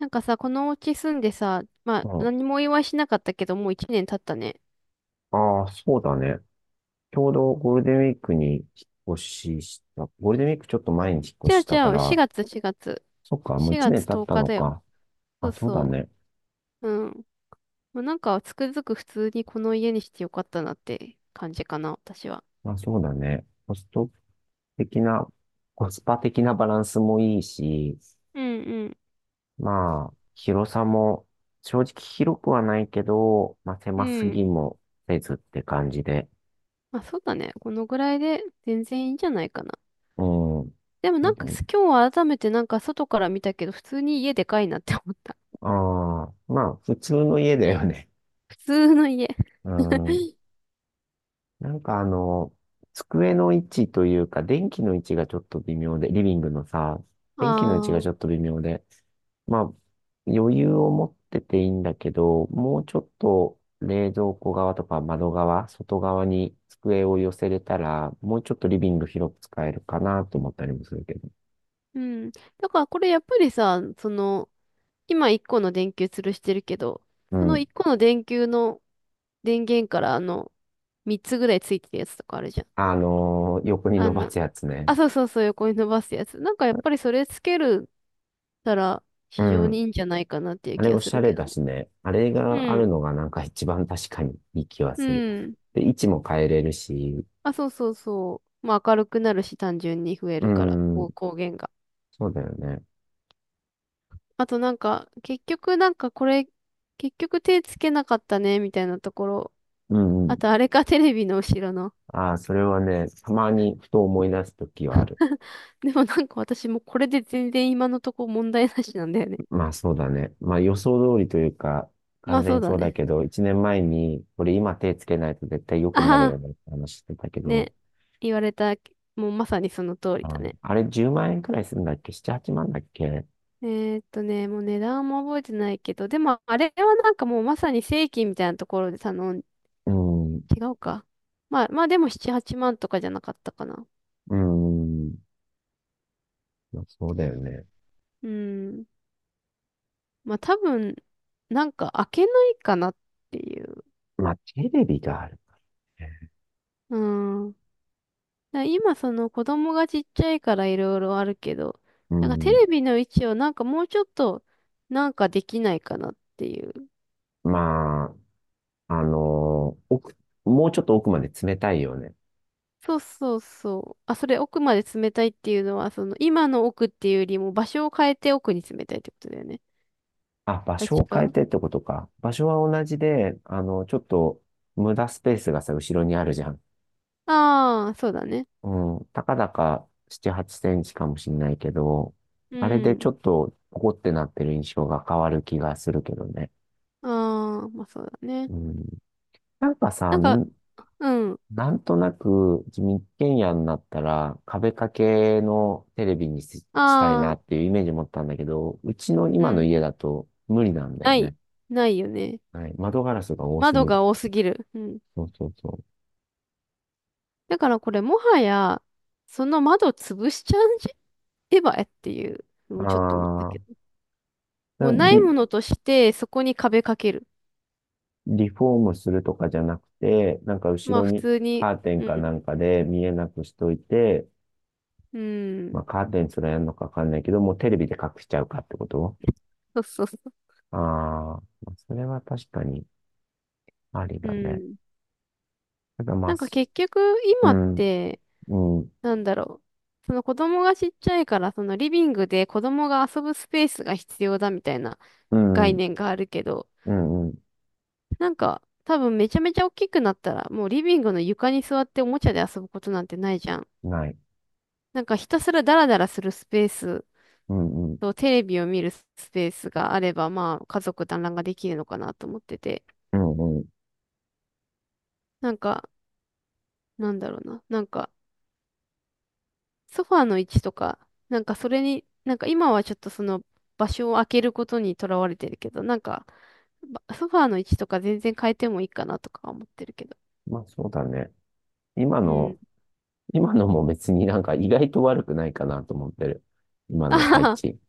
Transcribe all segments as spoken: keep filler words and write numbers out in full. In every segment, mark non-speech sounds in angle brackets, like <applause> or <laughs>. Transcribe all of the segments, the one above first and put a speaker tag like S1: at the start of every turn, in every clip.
S1: なんかさ、このお家住んでさ、まあ、
S2: うん、
S1: 何もお祝いしなかったけど、もう一年経ったね。
S2: ああ、そうだね。ちょうどゴールデンウィークに引っ越しした。ゴールデンウィークちょっと前に引っ
S1: じ
S2: 越
S1: ゃあ
S2: し
S1: じ
S2: たか
S1: ゃあ、
S2: ら、
S1: しがつ、しがつ。
S2: そっか、もう一
S1: 4
S2: 年
S1: 月
S2: 経っ
S1: 10
S2: た
S1: 日
S2: の
S1: だよ。
S2: か。
S1: そ
S2: あ、
S1: う
S2: そうだ
S1: そ
S2: ね。
S1: う。うん。まあ、なんか、つくづく普通にこの家にしてよかったなって感じかな、私は。
S2: あ、そうだね。コスト的な、コスパ的なバランスもいいし、
S1: うんうん。
S2: まあ、広さも、正直広くはないけど、まあ、
S1: う
S2: 狭す
S1: ん。
S2: ぎもせずって感じで。
S1: まあ、そうだね。このぐらいで全然いいんじゃないかな。
S2: うん。
S1: でも
S2: そ
S1: な
S2: う
S1: ん
S2: だ
S1: か、
S2: ね。
S1: す今日は改めてなんか外から見たけど、普通に家でかいなって思った。
S2: ああ、まあ、普通の家だよね。
S1: <laughs> 普通の家。
S2: うん。
S1: <laughs>
S2: なんかあの、机の位置というか、電気の位置がちょっと微妙で、リビングのさ、
S1: あ
S2: 電気の位置がちょ
S1: あ。
S2: っと微妙で、まあ、余裕を持ってていいんだけど、もうちょっと冷蔵庫側とか窓側、外側に机を寄せれたら、もうちょっとリビング広く使えるかなと思ったりもするけど。
S1: うん。だからこれやっぱりさ、その、今いっこの電球吊るしてるけど、
S2: う
S1: その
S2: ん。
S1: いっこの電球の電源からあの、みっつぐらいついてるやつとかあるじゃん。
S2: あのー横に
S1: あ
S2: 伸ば
S1: の、
S2: すやつね。
S1: あ、そうそうそう、横に伸ばすやつ。なんかやっぱりそれつけるたら
S2: う
S1: 非常にいい
S2: ん。
S1: んじゃないかなっていう
S2: あれ
S1: 気が
S2: お
S1: す
S2: しゃ
S1: る
S2: れ
S1: けど
S2: だ
S1: ね。
S2: しね。あれがあ
S1: う
S2: る
S1: ん。
S2: のがなんか一番確かにいい気は
S1: う
S2: する。
S1: ん。
S2: で、位置も変えれるし、
S1: あ、そうそうそう。まあ明るくなるし単純に増え
S2: う
S1: るから、
S2: ん、
S1: こう光源が。
S2: そうだよね。
S1: あとなんか、結局なんかこれ、結局手つけなかったね、みたいなところ。
S2: うんう
S1: あ
S2: ん。
S1: とあれか、テレビの後ろの。
S2: ああ、それはね、たまにふと思い出すときはある。
S1: <laughs> でもなんか私もこれで全然今のとこ問題なしなんだよね。
S2: まあそうだね。まあ予想通りというか、
S1: <laughs> ま
S2: 完
S1: あ
S2: 全
S1: そう
S2: に
S1: だ
S2: そうだ
S1: ね。
S2: けど、一年前に、これ今手つけないと絶対良くなる
S1: あ
S2: よ
S1: あ、
S2: ねって話してたけど、
S1: ね。言われた、もうまさにその通り
S2: あ
S1: だね。
S2: あれじゅうまん円くらいするんだっけ？ なな、はちまんだっけ。
S1: えーっとね、もう値段も覚えてないけど、でもあれはなんかもうまさに正規みたいなところで頼ん、
S2: うん、
S1: 違うか。まあまあでもなな、はちまんとかじゃなかったかな。
S2: うん、まあそうだよね。
S1: うん。まあ多分、なんか開けないかなっていう。
S2: まあテレビがあるね。
S1: うん。だから今その子供がちっちゃいからいろいろあるけど、
S2: う
S1: なんかテ
S2: ん、
S1: レビの位置をなんかもうちょっとなんかできないかなっていう。
S2: まあ、あのー奥、もうちょっと奥まで詰めたいよね。
S1: そうそうそう。あ、それ奥まで詰めたいっていうのは、その今の奥っていうよりも場所を変えて奥に詰めたいってことだよね。
S2: あ、場
S1: あ、違
S2: 所を変え
S1: う
S2: てってことか。場所は同じで、あの、ちょっと無駄スペースがさ、後ろにあるじゃん。
S1: ああー、そうだね。
S2: うん、たかだかなな、はっセンチかもしんないけど、
S1: う
S2: あれでち
S1: ん。
S2: ょっとポコってなってる印象が変わる気がするけどね。
S1: ああ、まあそうだね。
S2: うん、なんかさ、
S1: なんか、
S2: ん
S1: うん。
S2: なんとなく自民権野になったら壁掛けのテレビにし、したい
S1: あ
S2: な
S1: あ、
S2: っていうイメージ持ったんだけど、うちの
S1: う
S2: 今の
S1: ん。
S2: 家だと無理なんだよ
S1: ない。
S2: ね。
S1: ないよね。
S2: はい、窓ガラスが多すぎ
S1: 窓
S2: る。
S1: が多すぎる。うん。
S2: そうそうそう。
S1: だからこれもはや、その窓潰しちゃうんじゃ手エっていうのもちょっと思った
S2: あ
S1: け
S2: あ、
S1: ど。も
S2: な
S1: うない
S2: リ、
S1: ものとして、そこに壁かける。
S2: リフォームするとかじゃなくて、なんか
S1: ま
S2: 後
S1: あ
S2: ろ
S1: 普
S2: に
S1: 通に、
S2: カーテン
S1: う
S2: か
S1: ん、
S2: なんかで見えなくしといて、
S1: う
S2: ま
S1: ん、
S2: あカーテンすらやるのかわかんないけど、もうテレビで隠しちゃうかってこと。
S1: そうそうそう。
S2: ああ、まあそれは確かにあり
S1: う
S2: だね。
S1: ん。
S2: ただま
S1: な
S2: あ、
S1: んか
S2: す
S1: 結局
S2: う
S1: 今っ
S2: ん、
S1: て、
S2: うん、
S1: なんだろう。その子供がちっちゃいから、そのリビングで子供が遊ぶスペースが必要だみたいな
S2: う
S1: 概
S2: ん、
S1: 念があるけど、
S2: うん、う
S1: なんか多分めちゃめちゃ大きくなったら、もうリビングの床に座っておもちゃで遊ぶことなんてないじゃん。
S2: ん、ない。
S1: なんかひたすらダラダラするスペース
S2: うん、うん、
S1: と、テレビを見るスペースがあれば、まあ、家族団らんができるのかなと思ってて、
S2: うん、うん。
S1: なんか、なんだろうな、なんか、ソファーの位置とか、なんかそれに、なんか今はちょっとその場所を空けることにとらわれてるけど、なんか、ばソファーの位置とか全然変えてもいいかなとか思ってるけど。
S2: まあそうだね。今
S1: う
S2: の、
S1: ん。
S2: 今のも別になんか意外と悪くないかなと思ってる。今
S1: あ
S2: の
S1: は
S2: 配
S1: は
S2: 置。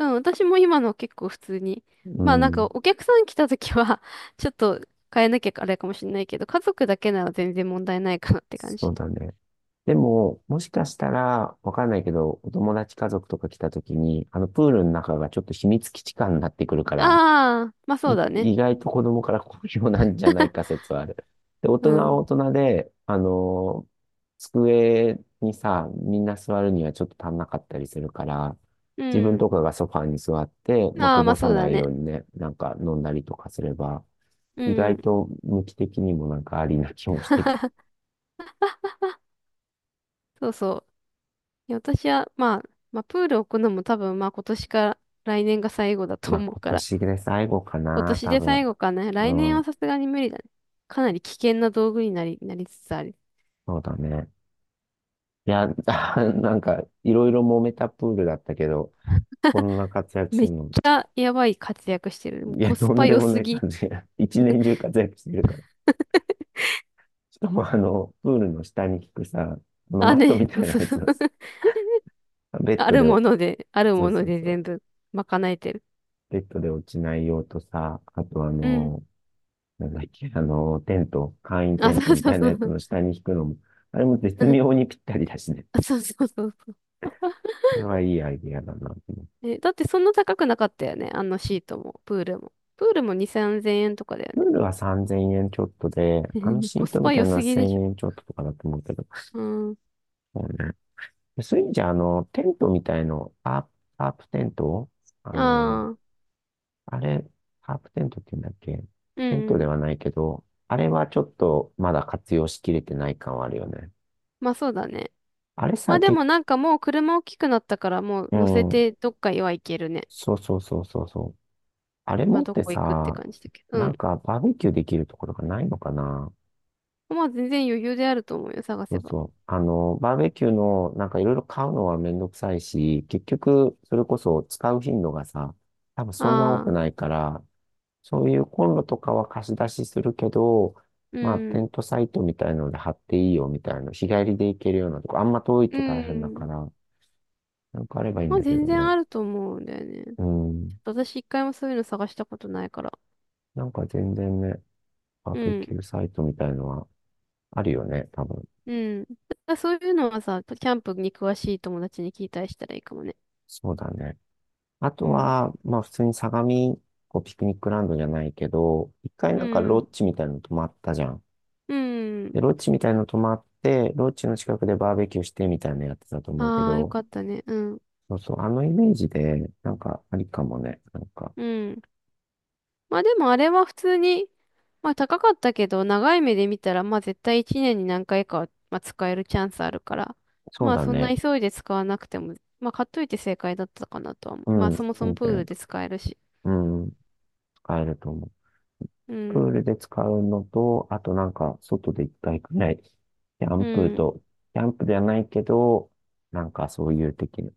S1: うん、私も今の結構普通に。
S2: う
S1: まあなんか
S2: ん、
S1: お客さん来た時は <laughs> ちょっと変えなきゃあれかもしれないけど、家族だけなら全然問題ないかなって感
S2: そ
S1: じ。
S2: うだね。でも、もしかしたら、わかんないけど、お友達家族とか来た時に、あのプールの中がちょっと秘密基地感になってくるから、
S1: ああ、まあそう
S2: い
S1: だね。
S2: 意外と子供から好評なんじゃないか説はある。で、大
S1: う
S2: 人は
S1: ん。
S2: 大人で、あの机にさ、みんな座るにはちょっと足んなかったりするから、
S1: う
S2: 自分
S1: ん。
S2: とかがソファーに座って、まあ、
S1: あ
S2: こ
S1: あ、まあ
S2: ぼ
S1: そ
S2: さ
S1: うだ
S2: ないよ
S1: ね。
S2: うにね、なんか飲んだりとかすれば、
S1: う
S2: 意外
S1: ん。
S2: と無機的にもなんかありな気もしてきて、
S1: そうそう。いや私は、まあ、まあ、プール置くのも多分、まあ今年か来年が最後だと
S2: まあ
S1: 思う
S2: 今
S1: から、
S2: 年
S1: <laughs>
S2: で最後か
S1: 今
S2: な、
S1: 年
S2: 多
S1: で最
S2: 分。
S1: 後かな。来年
S2: う
S1: は
S2: ん、
S1: さすがに無理だね。かなり危険な道具になり、なりつつある。
S2: そうだね。いや、<laughs> なんか、いろいろ揉めたプールだったけど、こんな活躍す
S1: めっ
S2: る
S1: ち
S2: の、
S1: ゃやばい活躍してる。も
S2: い
S1: う
S2: や、
S1: コ
S2: と
S1: ス
S2: ん
S1: パ
S2: で
S1: 良
S2: も
S1: す
S2: ない
S1: ぎ。
S2: 感じが、<laughs> 一年中活躍してるから。しかも、あの、プールの下に効くさ、あの
S1: あ、
S2: マット
S1: ね、
S2: み
S1: <laughs>
S2: た
S1: そう
S2: いな
S1: そう
S2: やつ
S1: そう。
S2: をさ、
S1: <laughs>
S2: <laughs> ベッ
S1: あ
S2: ド
S1: る
S2: で
S1: も
S2: お、
S1: ので、ある
S2: そ
S1: も
S2: う
S1: の
S2: そう
S1: で
S2: そう、
S1: 全部賄えてる。
S2: ベッドで落ちない用とさ、あとあ
S1: うん。
S2: の、なんだっけ、あの、テント、簡易テ
S1: あ、
S2: ント
S1: そう
S2: み
S1: そう
S2: たい
S1: そ
S2: なやつ
S1: う。
S2: の下に引くのも、あれも絶
S1: <laughs>
S2: 妙にぴったりだしね。
S1: あそうそうそう。
S2: あれはいいアイディアだなと思って。
S1: え、だってそんな高くなかったよね。あのシートも、プールも。プールもに、さんぜんえんとかだよ
S2: プー
S1: ね。
S2: ルはさんぜんえんちょっとで、あの
S1: <laughs>
S2: シ
S1: コ
S2: ート
S1: ス
S2: み
S1: パ
S2: たい
S1: 良
S2: なのは
S1: すぎで
S2: 1000
S1: しょ。
S2: 円ちょっととかだと思うけど。
S1: うん。
S2: そうね。でそういう意味じゃ、あの、テントみたいの、パープ、パープテントあの、
S1: ああ、
S2: あれ、パープテントって言うんだっけ。
S1: う
S2: テント
S1: んう
S2: で
S1: ん。
S2: はないけど、あれはちょっとまだ活用しきれてない感はあるよね。
S1: まあそうだね。
S2: あれ
S1: まあ
S2: さ、
S1: で
S2: け、
S1: もなんかもう車大きくなったからもう
S2: う
S1: 乗せ
S2: ん、
S1: てどっかへは行けるね。
S2: そうそうそうそうそう。あれ
S1: まあ
S2: 持っ
S1: ど
S2: て
S1: こ行くって
S2: さ、
S1: 感じだけど。う
S2: なん
S1: ん。
S2: かバーベキューできるところがないのかな？
S1: まあ全然余裕であると思うよ、探
S2: そ
S1: せ
S2: う
S1: ば。
S2: そう。あの、バーベキューの、なんかいろいろ買うのはめんどくさいし、結局、それこそ使う頻度がさ、多分そんな多
S1: あ
S2: くな
S1: あ、
S2: いから、そういうコンロとかは貸し出しするけど、
S1: う
S2: まあ、テ
S1: ん。
S2: ントサイトみたいので貼っていいよみたいな、日帰りで行けるようなとこ、あんま遠い
S1: う
S2: と大変だか
S1: ん。
S2: ら、なんかあればいいん
S1: まあ
S2: だけ
S1: 全
S2: ど
S1: 然
S2: ね。
S1: あると思うんだよね。
S2: う
S1: ち
S2: ん。
S1: ょっと私一回もそういうの探したことないから。
S2: なんか全然ね、バ
S1: う
S2: ーベ
S1: ん。
S2: キューサイトみたいのはあるよね、多分。
S1: うん。あ、そういうのはさ、キャンプに詳しい友達に聞いたりしたらいいかもね。
S2: そうだね。あ
S1: う
S2: と
S1: ん。
S2: は、まあ普通に相模、こうピクニックランドじゃないけど、一回
S1: う
S2: なんかロ
S1: ん。
S2: ッジみたいなの泊まったじゃん。
S1: うん。
S2: で、ロッジみたいなの泊まって、ロッジの近くでバーベキューしてみたいなのやってたと思うけ
S1: ああ、よ
S2: ど、
S1: かったね。うん。
S2: そうそう、あのイメージで、なんかありかもね。なんか、
S1: うん。まあでもあれは普通に、まあ高かったけど、長い目で見たら、まあ絶対いちねんに何回かは、まあ、使えるチャンスあるから、
S2: そう
S1: まあ
S2: だ
S1: そんな
S2: ね。
S1: 急いで使わなくても、まあ買っといて正解だったかなとは思
S2: う
S1: う。まあ
S2: ん、
S1: そもそも
S2: 全
S1: プール
S2: 然、
S1: で使えるし。
S2: うん、使えると思う。
S1: う
S2: プー
S1: ん。
S2: ルで使うのと、あとなんか、外で一回くらい、キャ
S1: う
S2: ンプ
S1: ん。
S2: と、キャンプではないけど、なんかそういう的な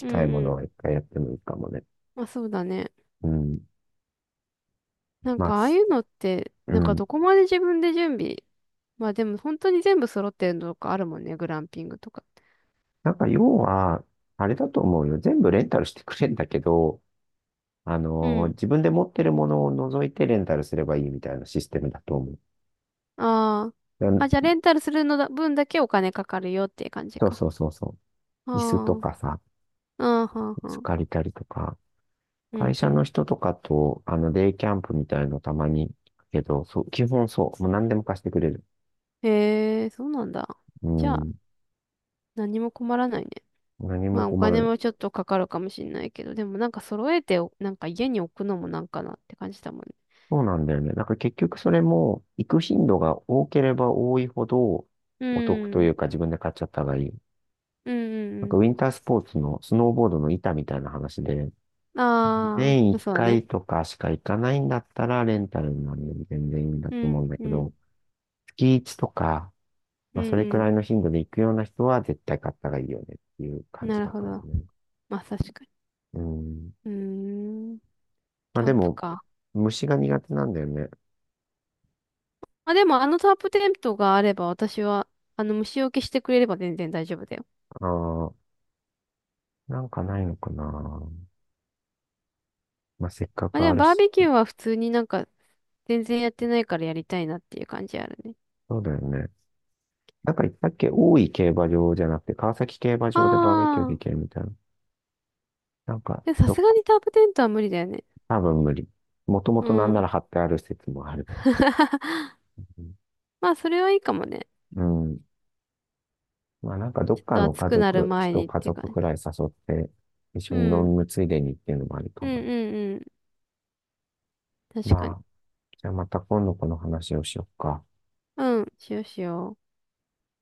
S1: うん
S2: いも
S1: う
S2: の
S1: ん。
S2: は一回やってもいいかもね。
S1: まあそうだね。
S2: うん。
S1: なん
S2: まあ、
S1: かああいうのって、
S2: う
S1: なんか
S2: ん。
S1: どこまで自分で準備。まあでも本当に全部揃ってるのとかあるもんね、グランピングとか。
S2: なんか要は、あれだと思うよ。全部レンタルしてくれんだけど、あ
S1: う
S2: のー
S1: ん。
S2: 自分で持ってるものを除いてレンタルすればいいみたいなシステムだと思う。
S1: ああ。あ、じゃあ
S2: だ
S1: レンタルするのだ、分だけお金かかるよっていう感じ
S2: そう
S1: か。
S2: そうそうそ
S1: あ
S2: う。椅子と
S1: ー
S2: かさ、
S1: あー。あは
S2: 椅
S1: ー
S2: 子
S1: はー
S2: 借りたりとか、
S1: う
S2: 会
S1: ん、う
S2: 社の
S1: ん。
S2: 人とかと、あの、デイキャンプみたいのたまに、けど、そう、基本そう。もう何でも貸してくれる。
S1: へえ、そうなんだ。
S2: う
S1: じゃあ
S2: ん。
S1: 何も困らないね。
S2: 何
S1: ま
S2: も
S1: あお
S2: 困ら
S1: 金
S2: ない。
S1: もちょっとかかるかもしれないけど、でもなんか揃えてお、なんか家に置くのもなんかなって感じだもんね。
S2: そうなんだよね。なんか結局それも、行く頻度が多ければ多いほど、
S1: う
S2: お得とい
S1: ん。
S2: うか自分で買っちゃった方がいい。
S1: うん、
S2: なん
S1: う
S2: かウ
S1: ん、
S2: ィンタースポーツのスノーボードの板みたいな話で、
S1: うん。あ
S2: 年
S1: あ、
S2: 1
S1: そうだね。
S2: 回とかしか行かないんだったらレンタルになるより全然いいんだ
S1: う
S2: と思う
S1: ん、
S2: んだ
S1: う
S2: けど、
S1: ん。
S2: 月いちとか、
S1: う
S2: まあそれく
S1: ん
S2: らいの頻度で行くような人は絶対買った方がいいよねっていう
S1: うん。
S2: 感
S1: な
S2: じ
S1: る
S2: だ
S1: ほ
S2: から
S1: ど。
S2: ね。
S1: まあ確かに。
S2: うん。
S1: うーん。
S2: まあ
S1: キャ
S2: で
S1: ンプ
S2: も、
S1: か。
S2: 虫が苦手なんだよね。
S1: まあ、でもあのタープテントがあれば私は、あの虫除けしてくれれば全然大丈夫だよ。
S2: ああ、なんかないのかな。まあせっか
S1: まあ
S2: く
S1: で
S2: あ
S1: も
S2: る
S1: バー
S2: し、
S1: ベキューは普通になんか全然やってないからやりたいなっていう感じあるね。
S2: そうだよね。なんか言ったっけ大井競馬場じゃなくて、川崎競馬
S1: あ
S2: 場でバーベキューで
S1: あ。
S2: きるみたいな。なんか、
S1: でもさ
S2: ど
S1: すが
S2: っ、
S1: にタープテントは無理だよね。
S2: 多分無理。もとも
S1: う
S2: となんな
S1: ん。
S2: ら貼ってある説もある。
S1: <laughs> まあそれはいいかもね。
S2: うん。まあなんかど
S1: ち
S2: っ
S1: ょっ
S2: か
S1: と
S2: の
S1: 暑
S2: 家
S1: くなる
S2: 族、
S1: 前
S2: 一
S1: にっ
S2: 家
S1: て感
S2: 族く
S1: じ。
S2: らい誘って、一
S1: う
S2: 緒に飲
S1: ん。うん
S2: むついでにっていうのもありか
S1: う
S2: も
S1: ん
S2: ね。
S1: うん。確か
S2: ま
S1: に。
S2: あ、じゃあまた今度この話をしよっか。
S1: うん。しようしよう。